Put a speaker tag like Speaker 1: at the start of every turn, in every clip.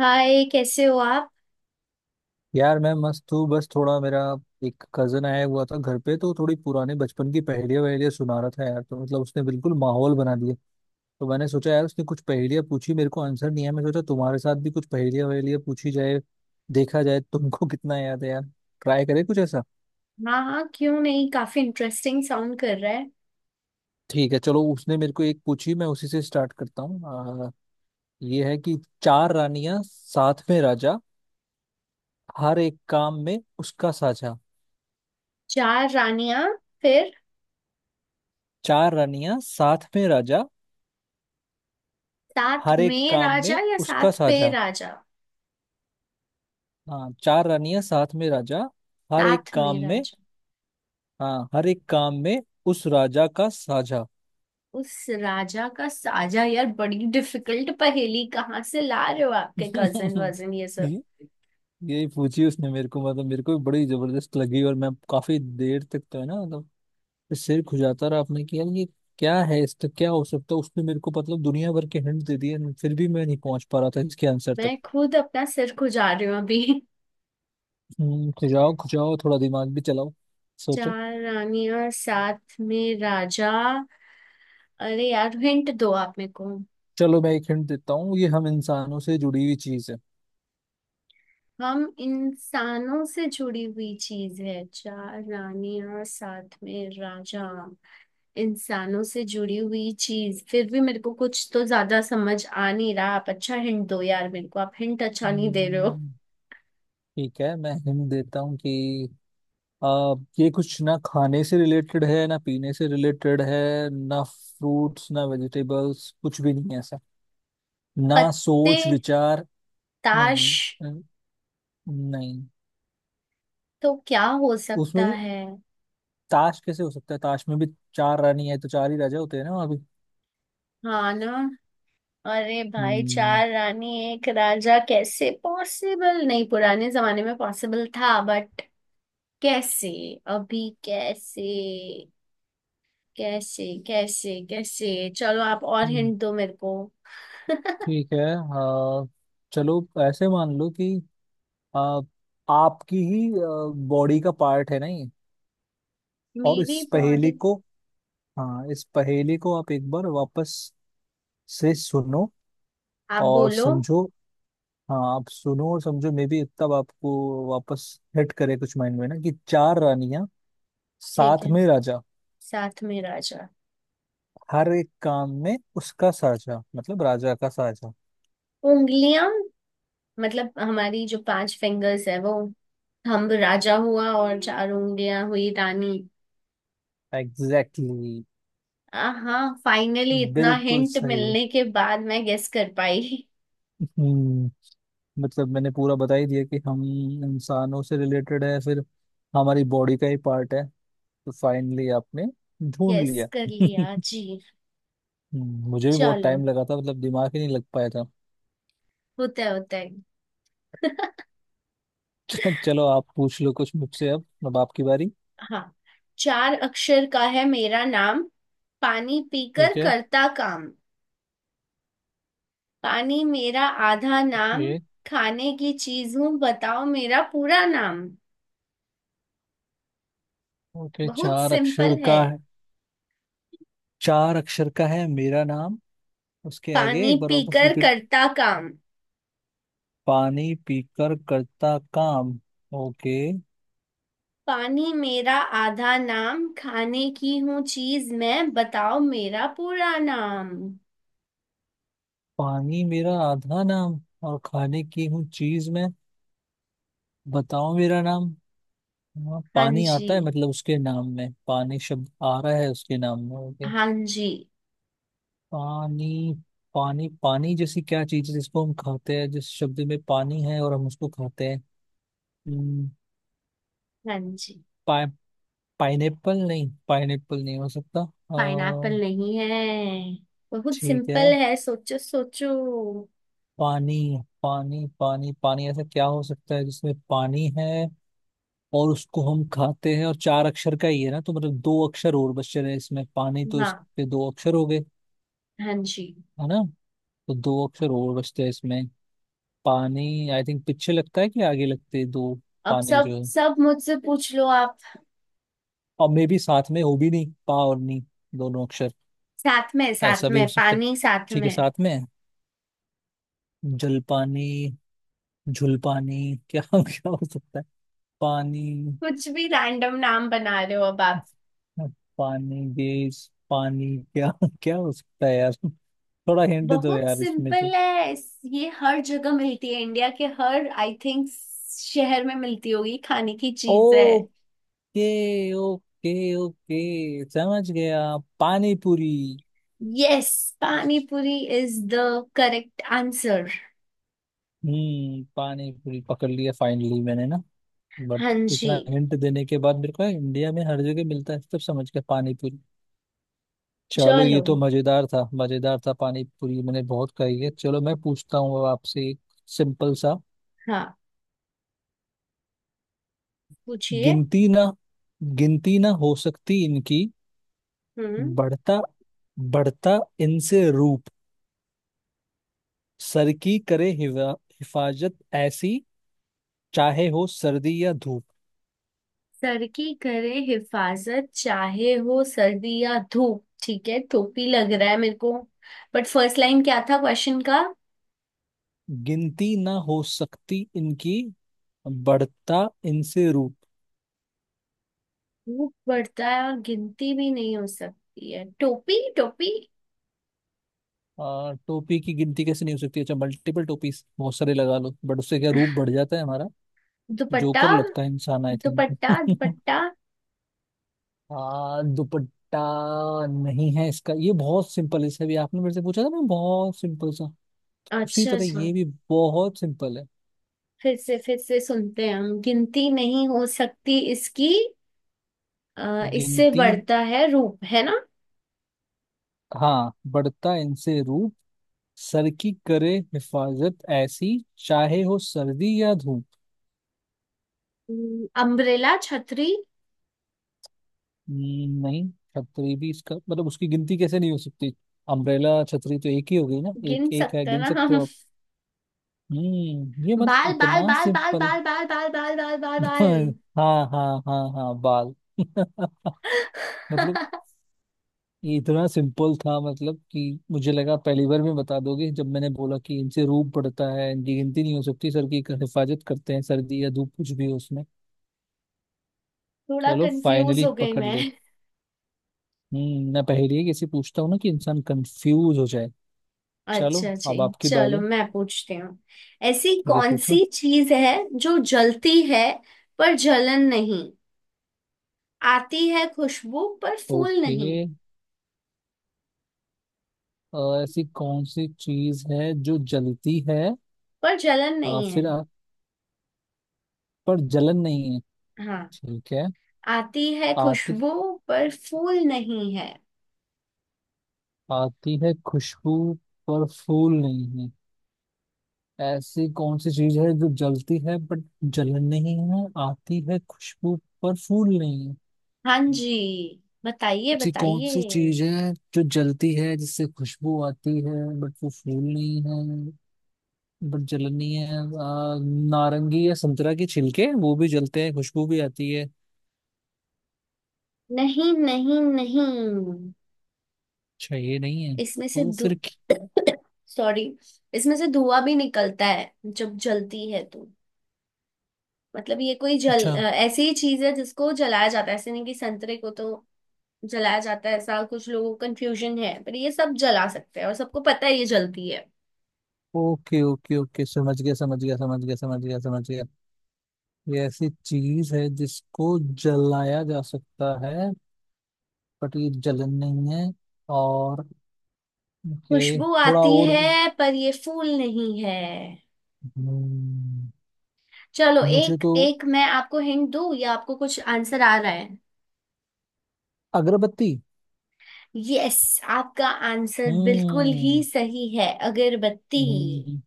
Speaker 1: हाय, कैसे हो आप।
Speaker 2: यार, मैं मस्त हूँ। बस थोड़ा मेरा एक कजन आया हुआ था घर पे, तो थोड़ी पुराने बचपन की पहेलियां वहेलियां सुना रहा था यार। तो मतलब उसने बिल्कुल माहौल बना दिया। तो मैंने सोचा यार, उसने कुछ पहेलियां पूछी, मेरे को आंसर नहीं है। मैं सोचा तुम्हारे साथ भी कुछ पहेलियां वहेलियां पूछी जाए, देखा जाए तुमको। कितना याद है यार। ट्राई करें कुछ ऐसा।
Speaker 1: हाँ हाँ, क्यों नहीं। काफी इंटरेस्टिंग साउंड कर रहा है।
Speaker 2: ठीक है, चलो उसने मेरे को एक पूछी, मैं उसी से स्टार्ट करता हूँ। आ, ये है कि चार रानियां साथ में राजा, हर एक काम में उसका साझा।
Speaker 1: चार रानियां, फिर
Speaker 2: चार रानियां साथ में राजा,
Speaker 1: साथ
Speaker 2: हर एक
Speaker 1: में
Speaker 2: काम
Speaker 1: राजा
Speaker 2: में
Speaker 1: या
Speaker 2: उसका
Speaker 1: साथ पे
Speaker 2: साझा।
Speaker 1: राजा।
Speaker 2: हाँ, चार रानियां साथ में राजा, हर एक
Speaker 1: साथ में
Speaker 2: काम में।
Speaker 1: राजा।
Speaker 2: हाँ, हर एक काम में उस राजा का साझा।
Speaker 1: उस राजा का साजा। यार बड़ी डिफिकल्ट पहेली, कहाँ से ला रहे हो आपके कजन वजन ये सब।
Speaker 2: ये- यही पूछी उसने मेरे को। मतलब मेरे को भी बड़ी जबरदस्त लगी, और मैं काफी देर तक तो है ना मतलब सिर खुजाता रहा आपने कि यार ये क्या है, इसका क्या हो सकता है। उसने मेरे को मतलब दुनिया भर के हिंट दे दिए, फिर भी मैं नहीं पहुंच पा रहा था इसके आंसर तक।
Speaker 1: मैं खुद अपना सिर खुजा रही हूँ अभी।
Speaker 2: खुजाओ खुजाओ, थोड़ा दिमाग भी चलाओ। सोचो।
Speaker 1: चार रानियां साथ में राजा। अरे यार, हिंट दो आप मेरे को।
Speaker 2: चलो मैं एक हिंट देता हूँ, ये हम इंसानों से जुड़ी हुई चीज है।
Speaker 1: हम इंसानों से जुड़ी हुई चीज है? चार रानियां साथ में राजा, इंसानों से जुड़ी हुई चीज, फिर भी मेरे को कुछ तो ज्यादा समझ आ नहीं रहा। आप अच्छा हिंट दो यार मेरे को, आप हिंट अच्छा नहीं दे रहे हो।
Speaker 2: हम्म, ठीक है मैं हिंट देता हूँ कि आ, ये कुछ ना खाने से रिलेटेड है, ना पीने से रिलेटेड है, ना फ्रूट्स, ना वेजिटेबल्स, कुछ भी नहीं है ऐसा, ना
Speaker 1: पत्ते।
Speaker 2: सोच विचार। नहीं,
Speaker 1: ताश।
Speaker 2: न- नहीं।
Speaker 1: तो क्या हो
Speaker 2: उसमें
Speaker 1: सकता
Speaker 2: भी
Speaker 1: है?
Speaker 2: ताश कैसे हो सकता है, ताश में भी चार रानी है तो चार ही राजा होते हैं ना वहाँ भी।
Speaker 1: हाँ ना। अरे भाई,
Speaker 2: हम्म।
Speaker 1: चार रानी एक राजा कैसे पॉसिबल। नहीं, पुराने जमाने में पॉसिबल था बट कैसे? अभी कैसे कैसे कैसे कैसे, चलो आप और
Speaker 2: हम्म,
Speaker 1: हिंट दो मेरे को।
Speaker 2: ठीक है। चलो ऐसे मान लो कि आ, आपकी ही बॉडी का पार्ट है, नहीं? और
Speaker 1: मेरी
Speaker 2: इस पहेली
Speaker 1: बॉडी?
Speaker 2: को, हाँ, इस पहेली को आप एक बार वापस से सुनो
Speaker 1: आप
Speaker 2: और
Speaker 1: बोलो।
Speaker 2: समझो। हाँ, आप सुनो और समझो मे भी, तब आपको वापस हिट करे कुछ माइंड में ना कि चार रानियां
Speaker 1: ठीक
Speaker 2: साथ
Speaker 1: है,
Speaker 2: में राजा,
Speaker 1: साथ में राजा।
Speaker 2: हर एक काम में उसका साझा, मतलब राजा का साझा।
Speaker 1: उंगलियां। मतलब हमारी जो पांच फिंगर्स है वो, थंब राजा हुआ और चार उंगलियां हुई रानी।
Speaker 2: एग्जैक्टली। exactly,
Speaker 1: हाँ, फाइनली इतना
Speaker 2: बिल्कुल
Speaker 1: हिंट
Speaker 2: सही।
Speaker 1: मिलने के बाद मैं गेस कर पाई।
Speaker 2: हम्म, मतलब मैंने पूरा बता ही दिया कि हम इंसानों से रिलेटेड है, फिर हमारी बॉडी का ही पार्ट है, तो फाइनली आपने ढूंढ
Speaker 1: गेस
Speaker 2: लिया।
Speaker 1: कर लिया जी।
Speaker 2: मुझे भी बहुत
Speaker 1: चलो
Speaker 2: टाइम लगा था, मतलब दिमाग ही नहीं लग पाया था।
Speaker 1: होता है होता है।
Speaker 2: चलो आप पूछ लो कुछ मुझसे अब आपकी बारी।
Speaker 1: हाँ। चार अक्षर का है मेरा नाम, पानी
Speaker 2: ठीक
Speaker 1: पीकर
Speaker 2: है।
Speaker 1: करता काम। पानी मेरा आधा नाम,
Speaker 2: ओके,
Speaker 1: खाने की चीज हूँ, बताओ मेरा पूरा नाम।
Speaker 2: ओके।
Speaker 1: बहुत
Speaker 2: चार अक्षर
Speaker 1: सिंपल है।
Speaker 2: का है। चार अक्षर का है मेरा नाम, उसके आगे
Speaker 1: पानी
Speaker 2: एक बार वापस
Speaker 1: पीकर
Speaker 2: रिपीट।
Speaker 1: करता काम,
Speaker 2: पानी पीकर करता काम। ओके।
Speaker 1: पानी मेरा आधा नाम, खाने की हूँ चीज मैं, बताओ मेरा पूरा नाम।
Speaker 2: पानी मेरा आधा नाम, और खाने की हूँ चीज मैं, बताओ मेरा नाम। हाँ,
Speaker 1: हाँ
Speaker 2: पानी
Speaker 1: जी,
Speaker 2: आता है, मतलब उसके नाम में पानी शब्द आ रहा है, उसके नाम में। ओके।
Speaker 1: हाँ जी।
Speaker 2: पानी। पानी, पानी जैसी क्या चीज है जिसको हम खाते हैं, जिस शब्द में पानी है और हम उसको खाते हैं। हम्म,
Speaker 1: हाँ जी।
Speaker 2: पा, पाइनएप्पल नहीं, पाइनएप्पल नहीं हो सकता।
Speaker 1: पाइनएप्पल नहीं है, बहुत
Speaker 2: ठीक है।
Speaker 1: सिंपल है, सोचो सोचो।
Speaker 2: पानी, पानी, पानी, पानी, ऐसा क्या हो सकता है जिसमें पानी है और उसको हम खाते हैं, और चार अक्षर का ही है ना, तो मतलब दो अक्षर और बचे रहे। इसमें पानी, तो
Speaker 1: हाँ,
Speaker 2: इसके दो अक्षर हो गए,
Speaker 1: हाँ जी।
Speaker 2: है ना? तो दो अक्षर और बचते हैं इसमें। पानी, आई थिंक पीछे लगता है कि आगे लगते हैं दो।
Speaker 1: अब
Speaker 2: पानी
Speaker 1: सब
Speaker 2: जो है,
Speaker 1: सब मुझसे पूछ लो आप।
Speaker 2: और मे भी साथ में हो, भी नहीं पा और नी दोनों अक्षर,
Speaker 1: साथ में, साथ
Speaker 2: ऐसा भी
Speaker 1: में
Speaker 2: हो सकता है।
Speaker 1: पानी साथ
Speaker 2: ठीक है
Speaker 1: में।
Speaker 2: साथ में है। जलपानी, झुलपानी, क्या क्या हो सकता है? पानी,
Speaker 1: कुछ भी रैंडम नाम बना रहे हो अब आप।
Speaker 2: पानी गैस, पानी क्या, क्या हो सकता है यार? थोड़ा हिंट दो
Speaker 1: बहुत
Speaker 2: यार, इसमें तो।
Speaker 1: सिंपल है। ये हर जगह मिलती है, इंडिया के हर आई थिंक शहर में मिलती होगी, खाने की चीज है।
Speaker 2: ओके, ओके, ओके, समझ गया। Pani puri.
Speaker 1: Yes, pani puri is the correct answer.
Speaker 2: Hmm, pani puri पकड़ लिया फाइनली मैंने ना। बट
Speaker 1: हाँ जी।
Speaker 2: इतना हिंट देने के बाद, मेरे को इंडिया में हर जगह मिलता है, सब समझ गया पानी पूरी। चलो,
Speaker 1: चलो।
Speaker 2: ये तो मजेदार था, मजेदार था। पानी पूरी मैंने बहुत खाई है। चलो मैं पूछता हूँ अब आपसे एक सिंपल सा।
Speaker 1: हाँ पूछिए।
Speaker 2: गिनती ना, गिनती ना हो सकती इनकी,
Speaker 1: हम्म
Speaker 2: बढ़ता बढ़ता इनसे रूप, सर की करे हिफाजत ऐसी, चाहे हो सर्दी या धूप।
Speaker 1: सर की करे हिफाजत चाहे हो सर्दी या धूप, ठीक है टोपी लग रहा है मेरे को, बट फर्स्ट लाइन क्या था क्वेश्चन का?
Speaker 2: गिनती ना हो सकती इनकी, बढ़ता इनसे रूप।
Speaker 1: धूप बढ़ता है और गिनती भी नहीं हो सकती है। टोपी, टोपी।
Speaker 2: टोपी की गिनती कैसे नहीं हो सकती? अच्छा, मल्टीपल टोपीज बहुत सारे लगा लो, बट उससे क्या रूप बढ़ जाता है हमारा?
Speaker 1: दुपट्टा।
Speaker 2: जोकर लगता है इंसान, आई
Speaker 1: दुपट्टा
Speaker 2: थिंक।
Speaker 1: दुपट्टा।
Speaker 2: हाँ, दुपट्टा नहीं है इसका। ये बहुत सिंपल है, इसे भी आपने मेरे से पूछा था ना, बहुत सिंपल सा। उसी
Speaker 1: अच्छा
Speaker 2: तरह
Speaker 1: अच्छा।
Speaker 2: ये भी बहुत सिंपल है।
Speaker 1: फिर से सुनते हैं हम, गिनती नहीं हो सकती इसकी, इससे
Speaker 2: गिनती,
Speaker 1: बढ़ता है रूप, है ना?
Speaker 2: हाँ, बढ़ता इनसे रूप, सर की करे हिफाजत ऐसी, चाहे हो सर्दी या धूप।
Speaker 1: अम्ब्रेला, छतरी।
Speaker 2: नहीं। छतरी भी इसका मतलब? उसकी गिनती कैसे नहीं हो सकती, अम्ब्रेला छतरी तो एक ही हो गई ना,
Speaker 1: गिन
Speaker 2: एक एक है,
Speaker 1: सकते हैं
Speaker 2: गिन
Speaker 1: ना
Speaker 2: सकते
Speaker 1: हम।
Speaker 2: हो आप। हम्म, ये मतलब
Speaker 1: बाल बाल
Speaker 2: इतना
Speaker 1: बाल बाल
Speaker 2: सिंपल?
Speaker 1: बाल बाल बाल बाल बाल बाल बाल।
Speaker 2: हाँ, हाँ, हाँ, हाँ, बाल। मतलब ये इतना सिंपल था, मतलब कि मुझे लगा पहली बार में बता दोगे, जब मैंने बोला कि इनसे रूप पड़ता है, इनकी गिनती नहीं हो सकती, सर की हिफाजत करते हैं सर्दी या धूप कुछ भी हो उसमें।
Speaker 1: थोड़ा
Speaker 2: चलो,
Speaker 1: कंफ्यूज
Speaker 2: फाइनली
Speaker 1: हो गई
Speaker 2: पकड़
Speaker 1: मैं।
Speaker 2: ले। हम्म, मैं पहेली कैसे पूछता हूँ ना कि इंसान कंफ्यूज हो जाए। चलो,
Speaker 1: अच्छा जी,
Speaker 2: अब आपकी
Speaker 1: चलो
Speaker 2: बारी।
Speaker 1: मैं पूछती हूँ। ऐसी
Speaker 2: ठीक है,
Speaker 1: कौन
Speaker 2: पूछो।
Speaker 1: सी चीज है जो जलती है पर जलन नहीं, आती है खुशबू पर फूल
Speaker 2: ओके।
Speaker 1: नहीं।
Speaker 2: ऐसी कौन सी चीज है जो जलती है?
Speaker 1: पर जलन नहीं है।
Speaker 2: फिर पर जलन नहीं है।
Speaker 1: हाँ।
Speaker 2: ठीक है,
Speaker 1: आती है
Speaker 2: आती
Speaker 1: खुशबू, पर फूल नहीं है।
Speaker 2: आती है खुशबू, पर फूल नहीं है। ऐसी कौन सी चीज है जो जलती है बट जलन नहीं है, आती है खुशबू पर फूल नहीं है।
Speaker 1: हाँ जी, बताइए
Speaker 2: ऐसी कौन
Speaker 1: बताइए।
Speaker 2: सी चीज है जो जलती है, जिससे खुशबू आती है, बट वो फूल नहीं है, बट जलनी है। नारंगी या संतरा के छिलके, वो भी जलते हैं, खुशबू भी आती है।
Speaker 1: नहीं नहीं नहीं।
Speaker 2: अच्छा, ये नहीं है
Speaker 1: इसमें से
Speaker 2: तो
Speaker 1: दू,
Speaker 2: फिर
Speaker 1: सॉरी, इसमें से धुआं भी निकलता है जब जलती है तो। मतलब ये कोई
Speaker 2: अच्छा।
Speaker 1: ऐसी ही चीज है जिसको जलाया जाता है, ऐसे नहीं कि संतरे को तो जलाया जाता है, ऐसा कुछ लोगों को कंफ्यूजन है। पर ये सब जला सकते हैं और सबको पता है ये जलती है,
Speaker 2: ओके, ओके, ओके, समझ गया, समझ गया, समझ गया, समझ गया, समझ गया। ये ऐसी चीज है जिसको जलाया जा सकता है, बट ये जलन नहीं है, और ओके
Speaker 1: खुशबू
Speaker 2: थोड़ा
Speaker 1: आती
Speaker 2: और।
Speaker 1: है पर ये फूल नहीं है।
Speaker 2: हम्म,
Speaker 1: चलो,
Speaker 2: मुझे
Speaker 1: एक
Speaker 2: तो
Speaker 1: एक मैं आपको हिंट दूं या आपको कुछ आंसर आ रहा है?
Speaker 2: अगरबत्ती।
Speaker 1: यस, आपका आंसर बिल्कुल ही
Speaker 2: हम्म।
Speaker 1: सही है, अगरबत्ती।
Speaker 2: हम्म।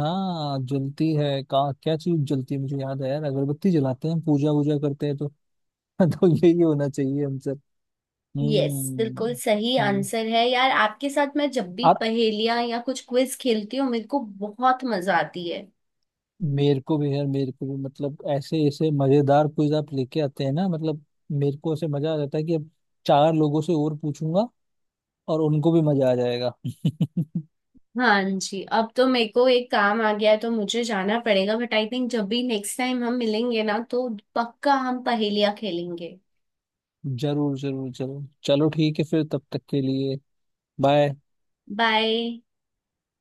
Speaker 2: हाँ, जलती है का क्या चीज जलती है, मुझे याद है यार अगरबत्ती जलाते हैं, पूजा वूजा करते हैं तो तो यही होना चाहिए हम सब।
Speaker 1: यस, बिल्कुल
Speaker 2: हम्म।
Speaker 1: सही
Speaker 2: हम्म।
Speaker 1: आंसर है यार। आपके साथ मैं जब भी
Speaker 2: और
Speaker 1: पहेलियां या कुछ क्विज खेलती हूँ, मेरे को बहुत मजा आती है।
Speaker 2: मेरे को भी यार, मेरे को भी मतलब, ऐसे ऐसे मजेदार क्विज आप लेके आते हैं ना, मतलब मेरे को ऐसे मजा आ जाता है कि अब चार लोगों से और पूछूंगा, और उनको भी मजा आ जाएगा।
Speaker 1: हाँ जी, अब तो मेरे को एक काम आ गया है तो मुझे जाना पड़ेगा, बट आई थिंक जब भी नेक्स्ट टाइम हम मिलेंगे ना, तो पक्का हम पहेलियां खेलेंगे।
Speaker 2: जरूर, जरूर, जरूर। चलो ठीक है, फिर तब तक के लिए बाय।
Speaker 1: बाय।